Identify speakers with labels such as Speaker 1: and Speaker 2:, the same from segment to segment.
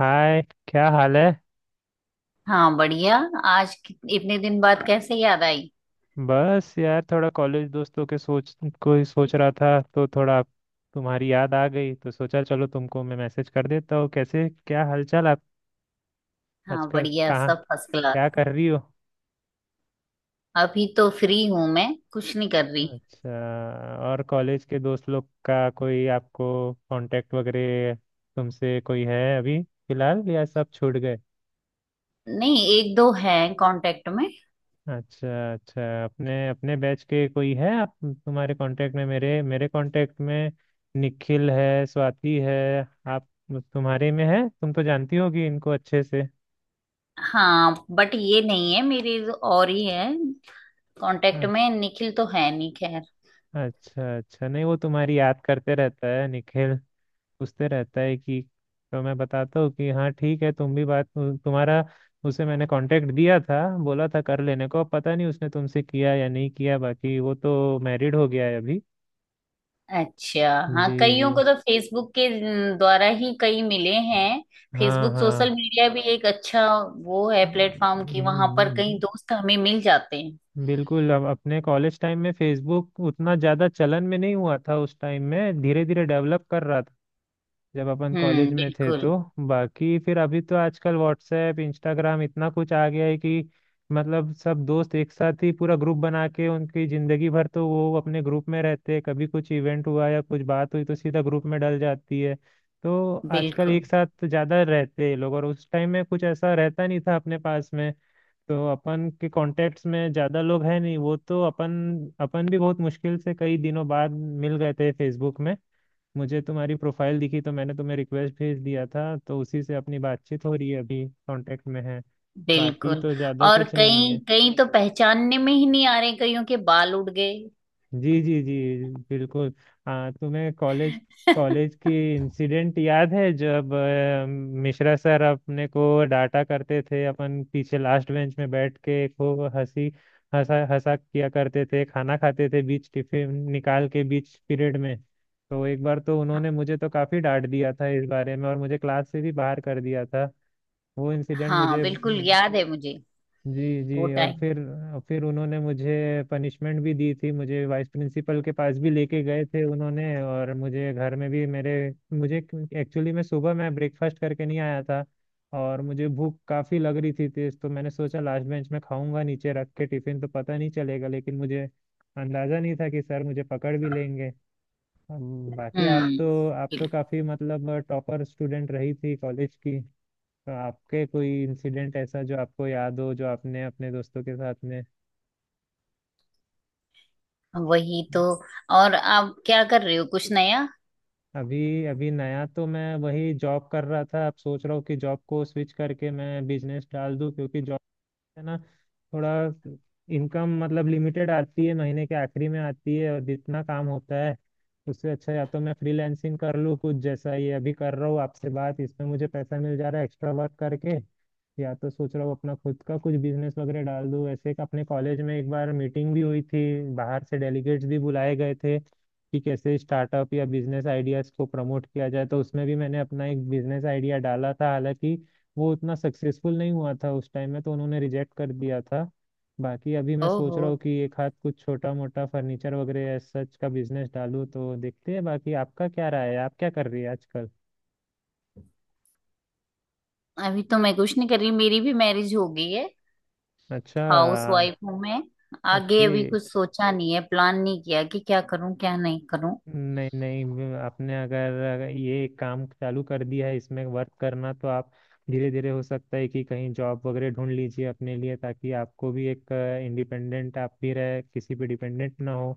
Speaker 1: हाय। क्या हाल है।
Speaker 2: हाँ बढ़िया। इतने दिन बाद कैसे याद आई?
Speaker 1: बस यार थोड़ा कॉलेज दोस्तों के सोच को ही सोच रहा था तो थोड़ा तुम्हारी याद आ गई तो सोचा चलो तुमको मैं मैसेज कर देता हूँ। कैसे क्या हालचाल आप।
Speaker 2: हाँ
Speaker 1: आजकल
Speaker 2: बढ़िया,
Speaker 1: कहाँ
Speaker 2: सब फर्स्ट क्लास।
Speaker 1: क्या कर रही हो।
Speaker 2: अभी तो फ्री हूं मैं, कुछ नहीं कर रही।
Speaker 1: अच्छा, और कॉलेज के दोस्त लोग का कोई आपको कांटेक्ट वगैरह तुमसे कोई है अभी फिलहाल, या सब छूट गए।
Speaker 2: नहीं, एक दो है कांटेक्ट में।
Speaker 1: अच्छा अच्छा। अपने अपने बैच के कोई है आप तुम्हारे कांटेक्ट में, मेरे मेरे कांटेक्ट में निखिल है, स्वाति है। आप तुम्हारे में है, तुम तो जानती होगी इनको अच्छे से।
Speaker 2: हाँ बट ये नहीं है, मेरी और ही है कांटेक्ट
Speaker 1: अ-
Speaker 2: में। निखिल तो है नहीं, खैर।
Speaker 1: अच्छा अच्छा, नहीं वो तुम्हारी याद करते रहता है निखिल, पूछते रहता है कि। तो मैं बताता हूँ कि हाँ ठीक है, तुम भी बात तुम्हारा उसे मैंने कांटेक्ट दिया था, बोला था कर लेने को, अब पता नहीं उसने तुमसे किया या नहीं किया। बाकी वो तो मैरिड हो गया है अभी।
Speaker 2: अच्छा। हाँ,
Speaker 1: जी। जी।
Speaker 2: कईयों को तो फेसबुक के न, द्वारा ही कई मिले हैं।
Speaker 1: हाँ
Speaker 2: फेसबुक सोशल
Speaker 1: हाँ।
Speaker 2: मीडिया भी एक अच्छा वो है प्लेटफॉर्म की वहां पर कई
Speaker 1: हम्म,
Speaker 2: दोस्त हमें मिल जाते हैं।
Speaker 1: बिल्कुल। अब अपने कॉलेज टाइम में फेसबुक उतना ज़्यादा चलन में नहीं हुआ था, उस टाइम में धीरे धीरे डेवलप कर रहा था जब अपन कॉलेज में थे
Speaker 2: बिल्कुल।
Speaker 1: तो। बाकी फिर अभी तो आजकल व्हाट्सएप इंस्टाग्राम इतना कुछ आ गया है कि, मतलब सब दोस्त एक साथ ही पूरा ग्रुप बना के उनकी ज़िंदगी भर तो वो अपने ग्रुप में रहते हैं, कभी कुछ इवेंट हुआ या कुछ बात हुई तो सीधा ग्रुप में डल जाती है। तो आजकल
Speaker 2: बिल्कुल
Speaker 1: एक साथ ज़्यादा रहते हैं लोग, और उस टाइम में कुछ ऐसा रहता नहीं था अपने पास में। तो अपन के कॉन्टेक्ट्स में ज्यादा लोग हैं नहीं, वो तो अपन अपन भी बहुत मुश्किल से कई दिनों बाद मिल गए थे फेसबुक में। मुझे तुम्हारी प्रोफाइल दिखी तो मैंने तुम्हें रिक्वेस्ट भेज दिया था, तो उसी से अपनी बातचीत हो रही है, अभी कांटेक्ट में है। बाकी
Speaker 2: बिल्कुल।
Speaker 1: तो ज्यादा
Speaker 2: और
Speaker 1: कुछ नहीं
Speaker 2: कई
Speaker 1: है।
Speaker 2: कई तो पहचानने में ही नहीं आ रहे, कईयों के बाल उड़ गए।
Speaker 1: जी जी जी, बिल्कुल। हाँ तुम्हें कॉलेज, कॉलेज की इंसिडेंट याद है जब मिश्रा सर अपने को डांटा करते थे, अपन पीछे लास्ट बेंच में बैठ के खूब हंसी हंसा हंसा किया करते थे, खाना खाते थे बीच टिफिन निकाल के बीच पीरियड में। तो एक बार तो उन्होंने मुझे तो काफी डांट दिया था इस बारे में, और मुझे क्लास से भी बाहर कर दिया था। वो इंसिडेंट
Speaker 2: हाँ
Speaker 1: मुझे।
Speaker 2: बिल्कुल याद है मुझे
Speaker 1: जी
Speaker 2: वो
Speaker 1: जी। और
Speaker 2: टाइम।
Speaker 1: फिर उन्होंने मुझे पनिशमेंट भी दी थी, मुझे वाइस प्रिंसिपल के पास भी लेके गए थे उन्होंने, और मुझे घर में भी मेरे, मुझे, एक्चुअली मैं सुबह मैं ब्रेकफास्ट करके नहीं आया था और मुझे भूख काफ़ी लग रही थी तेज, तो मैंने सोचा लास्ट बेंच में खाऊंगा नीचे रख के टिफिन तो पता नहीं चलेगा, लेकिन मुझे अंदाज़ा नहीं था कि सर मुझे पकड़ भी लेंगे। बाकी आप
Speaker 2: हम्म
Speaker 1: तो आप
Speaker 2: बिल्कुल।
Speaker 1: तो काफ़ी मतलब टॉपर स्टूडेंट रही थी कॉलेज की। तो आपके कोई इंसिडेंट ऐसा जो आपको याद हो जो आपने अपने दोस्तों के साथ में।
Speaker 2: वही तो। और आप क्या कर रहे हो, कुछ नया?
Speaker 1: अभी अभी नया तो मैं वही जॉब कर रहा था, अब सोच रहा हूँ कि जॉब को स्विच करके मैं बिजनेस डाल दूँ क्योंकि जॉब है ना, थोड़ा इनकम मतलब लिमिटेड आती है, महीने के आखिरी में आती है और जितना काम होता है उससे, अच्छा या तो मैं फ्रीलैंसिंग कर लूँ कुछ जैसा ये अभी कर रहा हूँ आपसे बात, इसमें मुझे पैसा मिल जा रहा है एक्स्ट्रा वर्क करके। या तो सोच रहा हूँ अपना खुद का कुछ बिजनेस वगैरह डाल दूँ। ऐसे एक अपने कॉलेज में एक बार मीटिंग भी हुई थी, बाहर से डेलीगेट्स भी बुलाए गए थे कि कैसे स्टार्टअप या बिजनेस आइडियाज को प्रमोट किया जाए, तो उसमें भी मैंने अपना एक बिजनेस आइडिया डाला था, हालांकि वो उतना सक्सेसफुल नहीं हुआ था उस टाइम में तो उन्होंने रिजेक्ट कर दिया था। बाकी अभी मैं सोच
Speaker 2: ओहो।
Speaker 1: रहा हूँ कि एक हाथ कुछ छोटा मोटा फर्नीचर वगैरह ऐसा सच का बिजनेस डालूँ, तो देखते हैं। बाकी आपका क्या राय है, आप क्या कर रही है आजकल।
Speaker 2: अभी तो मैं कुछ नहीं कर रही, मेरी भी मैरिज हो गई है।
Speaker 1: अच्छा।
Speaker 2: हाउस वाइफ हूँ मैं। आगे
Speaker 1: ओके।
Speaker 2: अभी कुछ सोचा नहीं है, प्लान नहीं किया कि क्या करूं क्या नहीं करूं।
Speaker 1: नहीं नहीं, मैं-, आपने अगर अगर ये काम चालू कर दिया है इसमें वर्क करना तो आप धीरे धीरे, हो सकता है कि कहीं जॉब वगैरह ढूंढ लीजिए अपने लिए, ताकि आपको भी एक इंडिपेंडेंट, आप भी रहे, किसी पे डिपेंडेंट ना हो,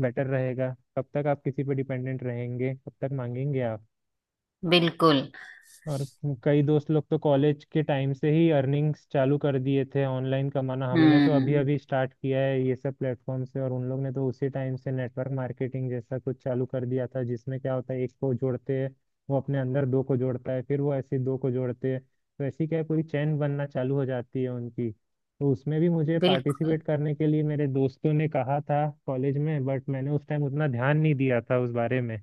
Speaker 1: बेटर रहेगा। कब तक आप किसी पे डिपेंडेंट रहेंगे, कब तक मांगेंगे आप।
Speaker 2: बिल्कुल।
Speaker 1: और कई दोस्त लोग तो कॉलेज के टाइम से ही अर्निंग्स चालू कर दिए थे, ऑनलाइन कमाना, हमने तो अभी
Speaker 2: हम्म
Speaker 1: अभी स्टार्ट किया है ये सब प्लेटफॉर्म से, और उन लोग ने तो उसी टाइम से नेटवर्क मार्केटिंग जैसा कुछ चालू कर दिया था, जिसमें क्या होता है एक को जोड़ते हैं, वो अपने अंदर दो को जोड़ता है, फिर वो ऐसे दो को जोड़ते हैं तो ऐसी क्या है पूरी चैन बनना चालू हो जाती है उनकी। तो उसमें भी मुझे
Speaker 2: बिल्कुल।
Speaker 1: पार्टिसिपेट करने के लिए मेरे दोस्तों ने कहा था कॉलेज में, बट मैंने उस टाइम उतना ध्यान नहीं दिया था उस बारे में।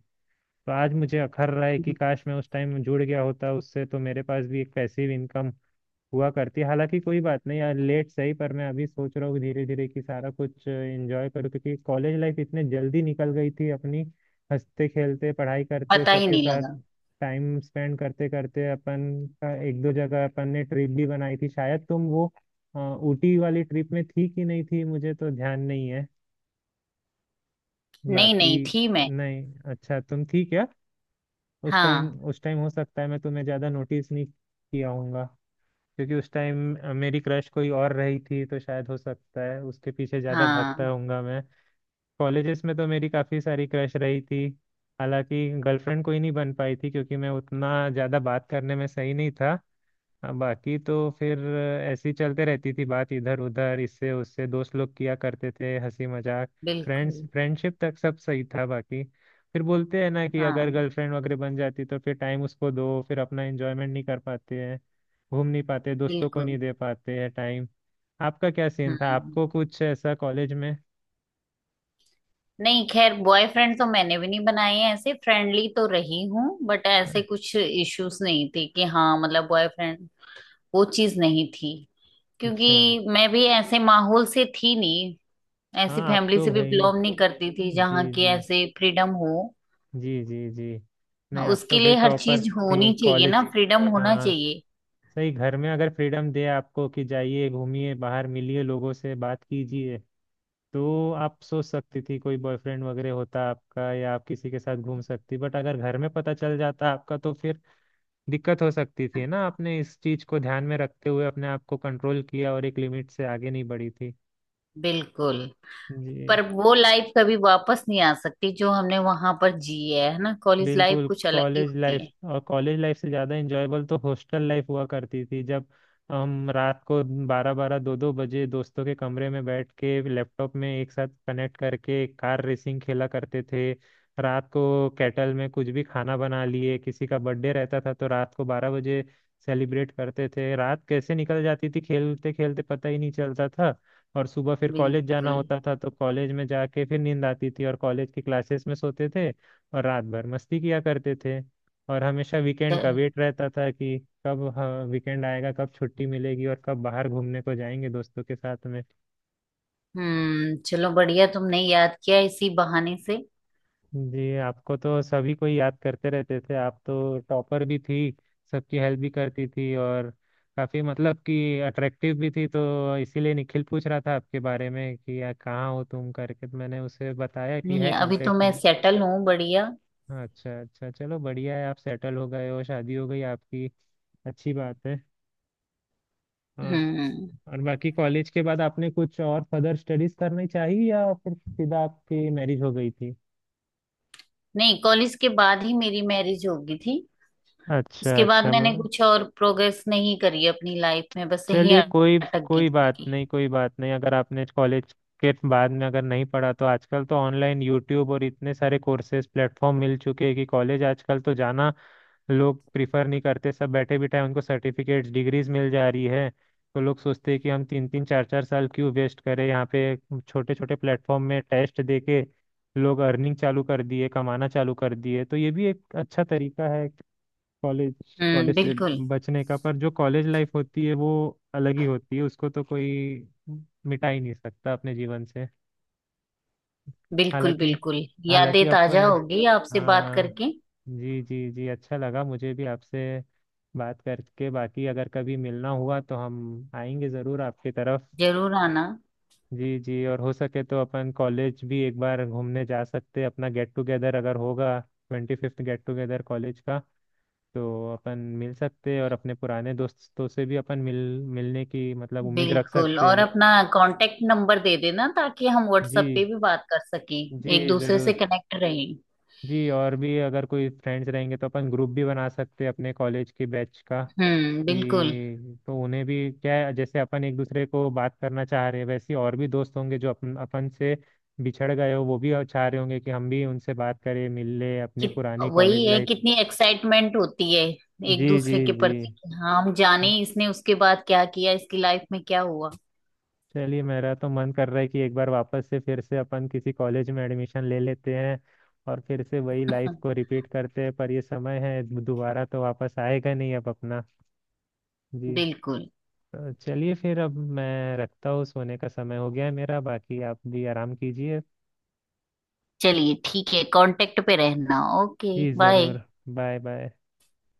Speaker 1: तो आज मुझे अखर रहा है कि काश मैं उस टाइम जुड़ गया होता उससे, तो मेरे पास भी एक पैसिव इनकम हुआ करती। हालांकि कोई बात नहीं यार, लेट सही पर मैं अभी सोच रहा हूँ धीरे धीरे कि सारा कुछ एंजॉय करूँ, क्योंकि कॉलेज लाइफ इतने जल्दी निकल गई थी अपनी हंसते खेलते पढ़ाई करते
Speaker 2: पता ही
Speaker 1: सबके
Speaker 2: नहीं
Speaker 1: साथ
Speaker 2: लगा।
Speaker 1: टाइम स्पेंड करते करते अपन का। एक दो जगह अपन ने ट्रिप भी बनाई थी, शायद तुम वो ऊटी वाली ट्रिप में थी कि नहीं थी मुझे तो ध्यान नहीं है,
Speaker 2: नहीं,
Speaker 1: बाकी।
Speaker 2: नहीं थी मैं।
Speaker 1: नहीं, अच्छा तुम थी क्या। उस टाइम
Speaker 2: हाँ।
Speaker 1: उस टाइम हो सकता है मैं तुम्हें ज़्यादा नोटिस नहीं किया होऊंगा, क्योंकि उस टाइम मेरी क्रश कोई और रही थी तो शायद हो सकता है उसके पीछे ज़्यादा भागता
Speaker 2: हाँ
Speaker 1: होऊंगा मैं। कॉलेजेस में तो मेरी काफ़ी सारी क्रश रही थी, हालांकि गर्लफ्रेंड कोई नहीं बन पाई थी क्योंकि मैं उतना ज़्यादा बात करने में सही नहीं था। हाँ, बाकी तो फिर ऐसी चलते रहती थी बात इधर उधर इससे उससे, दोस्त लोग किया करते थे हंसी मजाक, फ्रेंड्स
Speaker 2: बिल्कुल।
Speaker 1: फ्रेंडशिप तक सब सही था। बाकी फिर बोलते हैं ना कि अगर
Speaker 2: हाँ
Speaker 1: गर्लफ्रेंड वगैरह बन जाती तो फिर टाइम उसको दो, फिर अपना एंजॉयमेंट नहीं कर पाते हैं, घूम नहीं पाते, दोस्तों को नहीं
Speaker 2: बिल्कुल।
Speaker 1: दे पाते हैं टाइम। आपका क्या सीन था,
Speaker 2: हम्म।
Speaker 1: आपको कुछ ऐसा कॉलेज में।
Speaker 2: नहीं, खैर बॉयफ्रेंड तो मैंने भी नहीं बनाए हैं, ऐसे फ्रेंडली तो रही हूँ बट ऐसे कुछ इश्यूज नहीं थे कि हाँ मतलब बॉयफ्रेंड वो चीज नहीं थी।
Speaker 1: अच्छा।
Speaker 2: क्योंकि मैं भी ऐसे माहौल से थी नहीं, ऐसी
Speaker 1: हाँ आप
Speaker 2: फैमिली
Speaker 1: तो
Speaker 2: से भी
Speaker 1: भाई,
Speaker 2: बिलोंग नहीं करती थी
Speaker 1: जी
Speaker 2: जहाँ की
Speaker 1: जी
Speaker 2: ऐसे फ्रीडम हो।
Speaker 1: जी, जी जी, नहीं
Speaker 2: हाँ,
Speaker 1: आप तो
Speaker 2: उसके
Speaker 1: भाई
Speaker 2: लिए हर
Speaker 1: टॉपर
Speaker 2: चीज
Speaker 1: थी
Speaker 2: होनी चाहिए ना,
Speaker 1: कॉलेज।
Speaker 2: फ्रीडम होना
Speaker 1: हाँ
Speaker 2: चाहिए।
Speaker 1: सही, घर में अगर फ्रीडम दे आपको कि जाइए घूमिए बाहर मिलिए लोगों से बात कीजिए तो आप सोच सकती थी कोई बॉयफ्रेंड वगैरह होता आपका या आप किसी के साथ घूम सकती, बट अगर घर में पता चल जाता आपका तो फिर दिक्कत हो सकती थी ना, आपने इस चीज को ध्यान में रखते हुए अपने आप को कंट्रोल किया और एक लिमिट से आगे नहीं बढ़ी थी।
Speaker 2: बिल्कुल।
Speaker 1: जी।
Speaker 2: पर वो लाइफ कभी वापस नहीं आ सकती जो हमने वहां पर जी है ना? कॉलेज लाइफ
Speaker 1: बिल्कुल,
Speaker 2: कुछ अलग ही
Speaker 1: कॉलेज
Speaker 2: होती
Speaker 1: लाइफ
Speaker 2: है।
Speaker 1: और कॉलेज लाइफ से ज़्यादा इंजॉयबल तो हॉस्टल लाइफ हुआ करती थी, जब हम रात को 12, 12, 2, 2 बजे दोस्तों के कमरे में बैठ के लैपटॉप में एक साथ कनेक्ट करके कार रेसिंग खेला करते थे, रात को कैटल में कुछ भी खाना बना लिए, किसी का बर्थडे रहता था तो रात को 12 बजे सेलिब्रेट करते थे, रात कैसे निकल जाती थी खेलते खेलते पता ही नहीं चलता था। और सुबह फिर कॉलेज जाना
Speaker 2: बिल्कुल।
Speaker 1: होता था तो कॉलेज में जाके फिर नींद आती थी और कॉलेज की क्लासेस में सोते थे, और रात भर मस्ती किया करते थे। और हमेशा
Speaker 2: च-
Speaker 1: वीकेंड का वेट रहता था कि कब वीकेंड आएगा, कब छुट्टी मिलेगी और कब बाहर घूमने को जाएंगे दोस्तों के साथ में।
Speaker 2: चलो बढ़िया, तुमने याद किया इसी बहाने से।
Speaker 1: जी, आपको तो सभी को याद करते रहते थे, आप तो टॉपर भी थी, सबकी हेल्प भी करती थी और काफी मतलब कि अट्रैक्टिव भी थी, तो इसीलिए निखिल पूछ रहा था आपके बारे में कि यार कहाँ हो तुम करके, तो मैंने उसे बताया कि है
Speaker 2: नहीं, अभी तो
Speaker 1: कांटेक्ट
Speaker 2: मैं
Speaker 1: में।
Speaker 2: सेटल हूँ बढ़िया।
Speaker 1: अच्छा अच्छा, चलो बढ़िया है, आप सेटल हो गए हो, शादी हो गई आपकी, अच्छी बात है। और
Speaker 2: हम्म।
Speaker 1: और बाकी कॉलेज के बाद आपने कुछ और फर्दर स्टडीज करनी चाहिए, या फिर सीधा आपकी मैरिज हो गई थी।
Speaker 2: नहीं, कॉलेज के बाद ही मेरी मैरिज हो गई थी।
Speaker 1: अच्छा
Speaker 2: उसके बाद
Speaker 1: अच्छा।
Speaker 2: मैंने कुछ और प्रोग्रेस नहीं करी अपनी लाइफ में, बस यही
Speaker 1: चलिए कोई,
Speaker 2: अटक गई
Speaker 1: कोई
Speaker 2: थी
Speaker 1: बात
Speaker 2: कि-
Speaker 1: नहीं, कोई बात नहीं। अगर आपने कॉलेज के बाद में अगर नहीं पढ़ा तो आजकल तो ऑनलाइन यूट्यूब और इतने सारे कोर्सेज प्लेटफॉर्म मिल चुके हैं कि कॉलेज आजकल तो जाना लोग प्रिफर नहीं करते, सब बैठे बिठाए उनको सर्टिफिकेट्स डिग्रीज मिल जा रही है। तो लोग सोचते हैं कि हम 3, 3, 4, 4 साल क्यों वेस्ट करें यहाँ पे, छोटे छोटे प्लेटफॉर्म में टेस्ट दे के लोग अर्निंग चालू कर दिए, कमाना चालू कर दिए, तो ये भी एक अच्छा तरीका है कॉलेज, कॉलेज से
Speaker 2: बिल्कुल।
Speaker 1: बचने का। पर जो कॉलेज लाइफ होती है वो अलग ही होती है, उसको तो कोई मिटा ही नहीं सकता अपने जीवन से।
Speaker 2: बिल्कुल
Speaker 1: हालांकि,
Speaker 2: बिल्कुल। यादें
Speaker 1: हालांकि
Speaker 2: ताजा
Speaker 1: अपन
Speaker 2: होगी आपसे बात
Speaker 1: हाँ
Speaker 2: करके।
Speaker 1: जी जी जी, अच्छा लगा मुझे भी आपसे बात करके। बाकी अगर कभी मिलना हुआ तो हम आएंगे ज़रूर आपकी तरफ।
Speaker 2: जरूर आना।
Speaker 1: जी जी, और हो सके तो अपन कॉलेज भी एक बार घूमने जा सकते हैं, अपना गेट टुगेदर अगर होगा, 25th गेट टुगेदर कॉलेज का, तो अपन मिल सकते हैं और अपने पुराने दोस्तों से भी अपन, मिलने की मतलब उम्मीद रख
Speaker 2: बिल्कुल।
Speaker 1: सकते
Speaker 2: और
Speaker 1: हैं।
Speaker 2: अपना कांटेक्ट नंबर दे देना ताकि हम
Speaker 1: जी,
Speaker 2: व्हाट्सएप पे भी बात कर सकें,
Speaker 1: जी
Speaker 2: एक दूसरे से
Speaker 1: ज़रूर।
Speaker 2: कनेक्ट रहें।
Speaker 1: जी और भी अगर कोई फ्रेंड्स रहेंगे तो अपन ग्रुप भी बना सकते हैं अपने कॉलेज के बैच का
Speaker 2: बिल्कुल।
Speaker 1: कि, तो उन्हें भी क्या है जैसे अपन एक दूसरे को बात करना चाह रहे हैं वैसे ही और भी दोस्त होंगे जो अपन अपन से बिछड़ गए हो, वो भी चाह रहे होंगे कि हम भी उनसे बात करें, मिल ले अपनी
Speaker 2: कित
Speaker 1: पुरानी कॉलेज
Speaker 2: वही है,
Speaker 1: लाइफ।
Speaker 2: कितनी एक्साइटमेंट होती है एक
Speaker 1: जी जी
Speaker 2: दूसरे के
Speaker 1: जी,
Speaker 2: प्रति कि हाँ हम जाने इसने उसके बाद क्या किया, इसकी लाइफ में क्या हुआ।
Speaker 1: चलिए मेरा तो मन कर रहा है कि एक बार वापस से फिर से अपन किसी कॉलेज में एडमिशन ले लेते हैं और फिर से वही लाइफ को रिपीट करते हैं, पर ये समय है दोबारा तो वापस आएगा नहीं अब अपना। जी,
Speaker 2: बिल्कुल।
Speaker 1: तो चलिए फिर अब मैं रखता हूँ, सोने का समय हो गया है मेरा, बाकी आप भी आराम कीजिए।
Speaker 2: चलिए ठीक है, कांटेक्ट पे रहना। ओके
Speaker 1: जी
Speaker 2: बाय।
Speaker 1: ज़रूर, बाय बाय।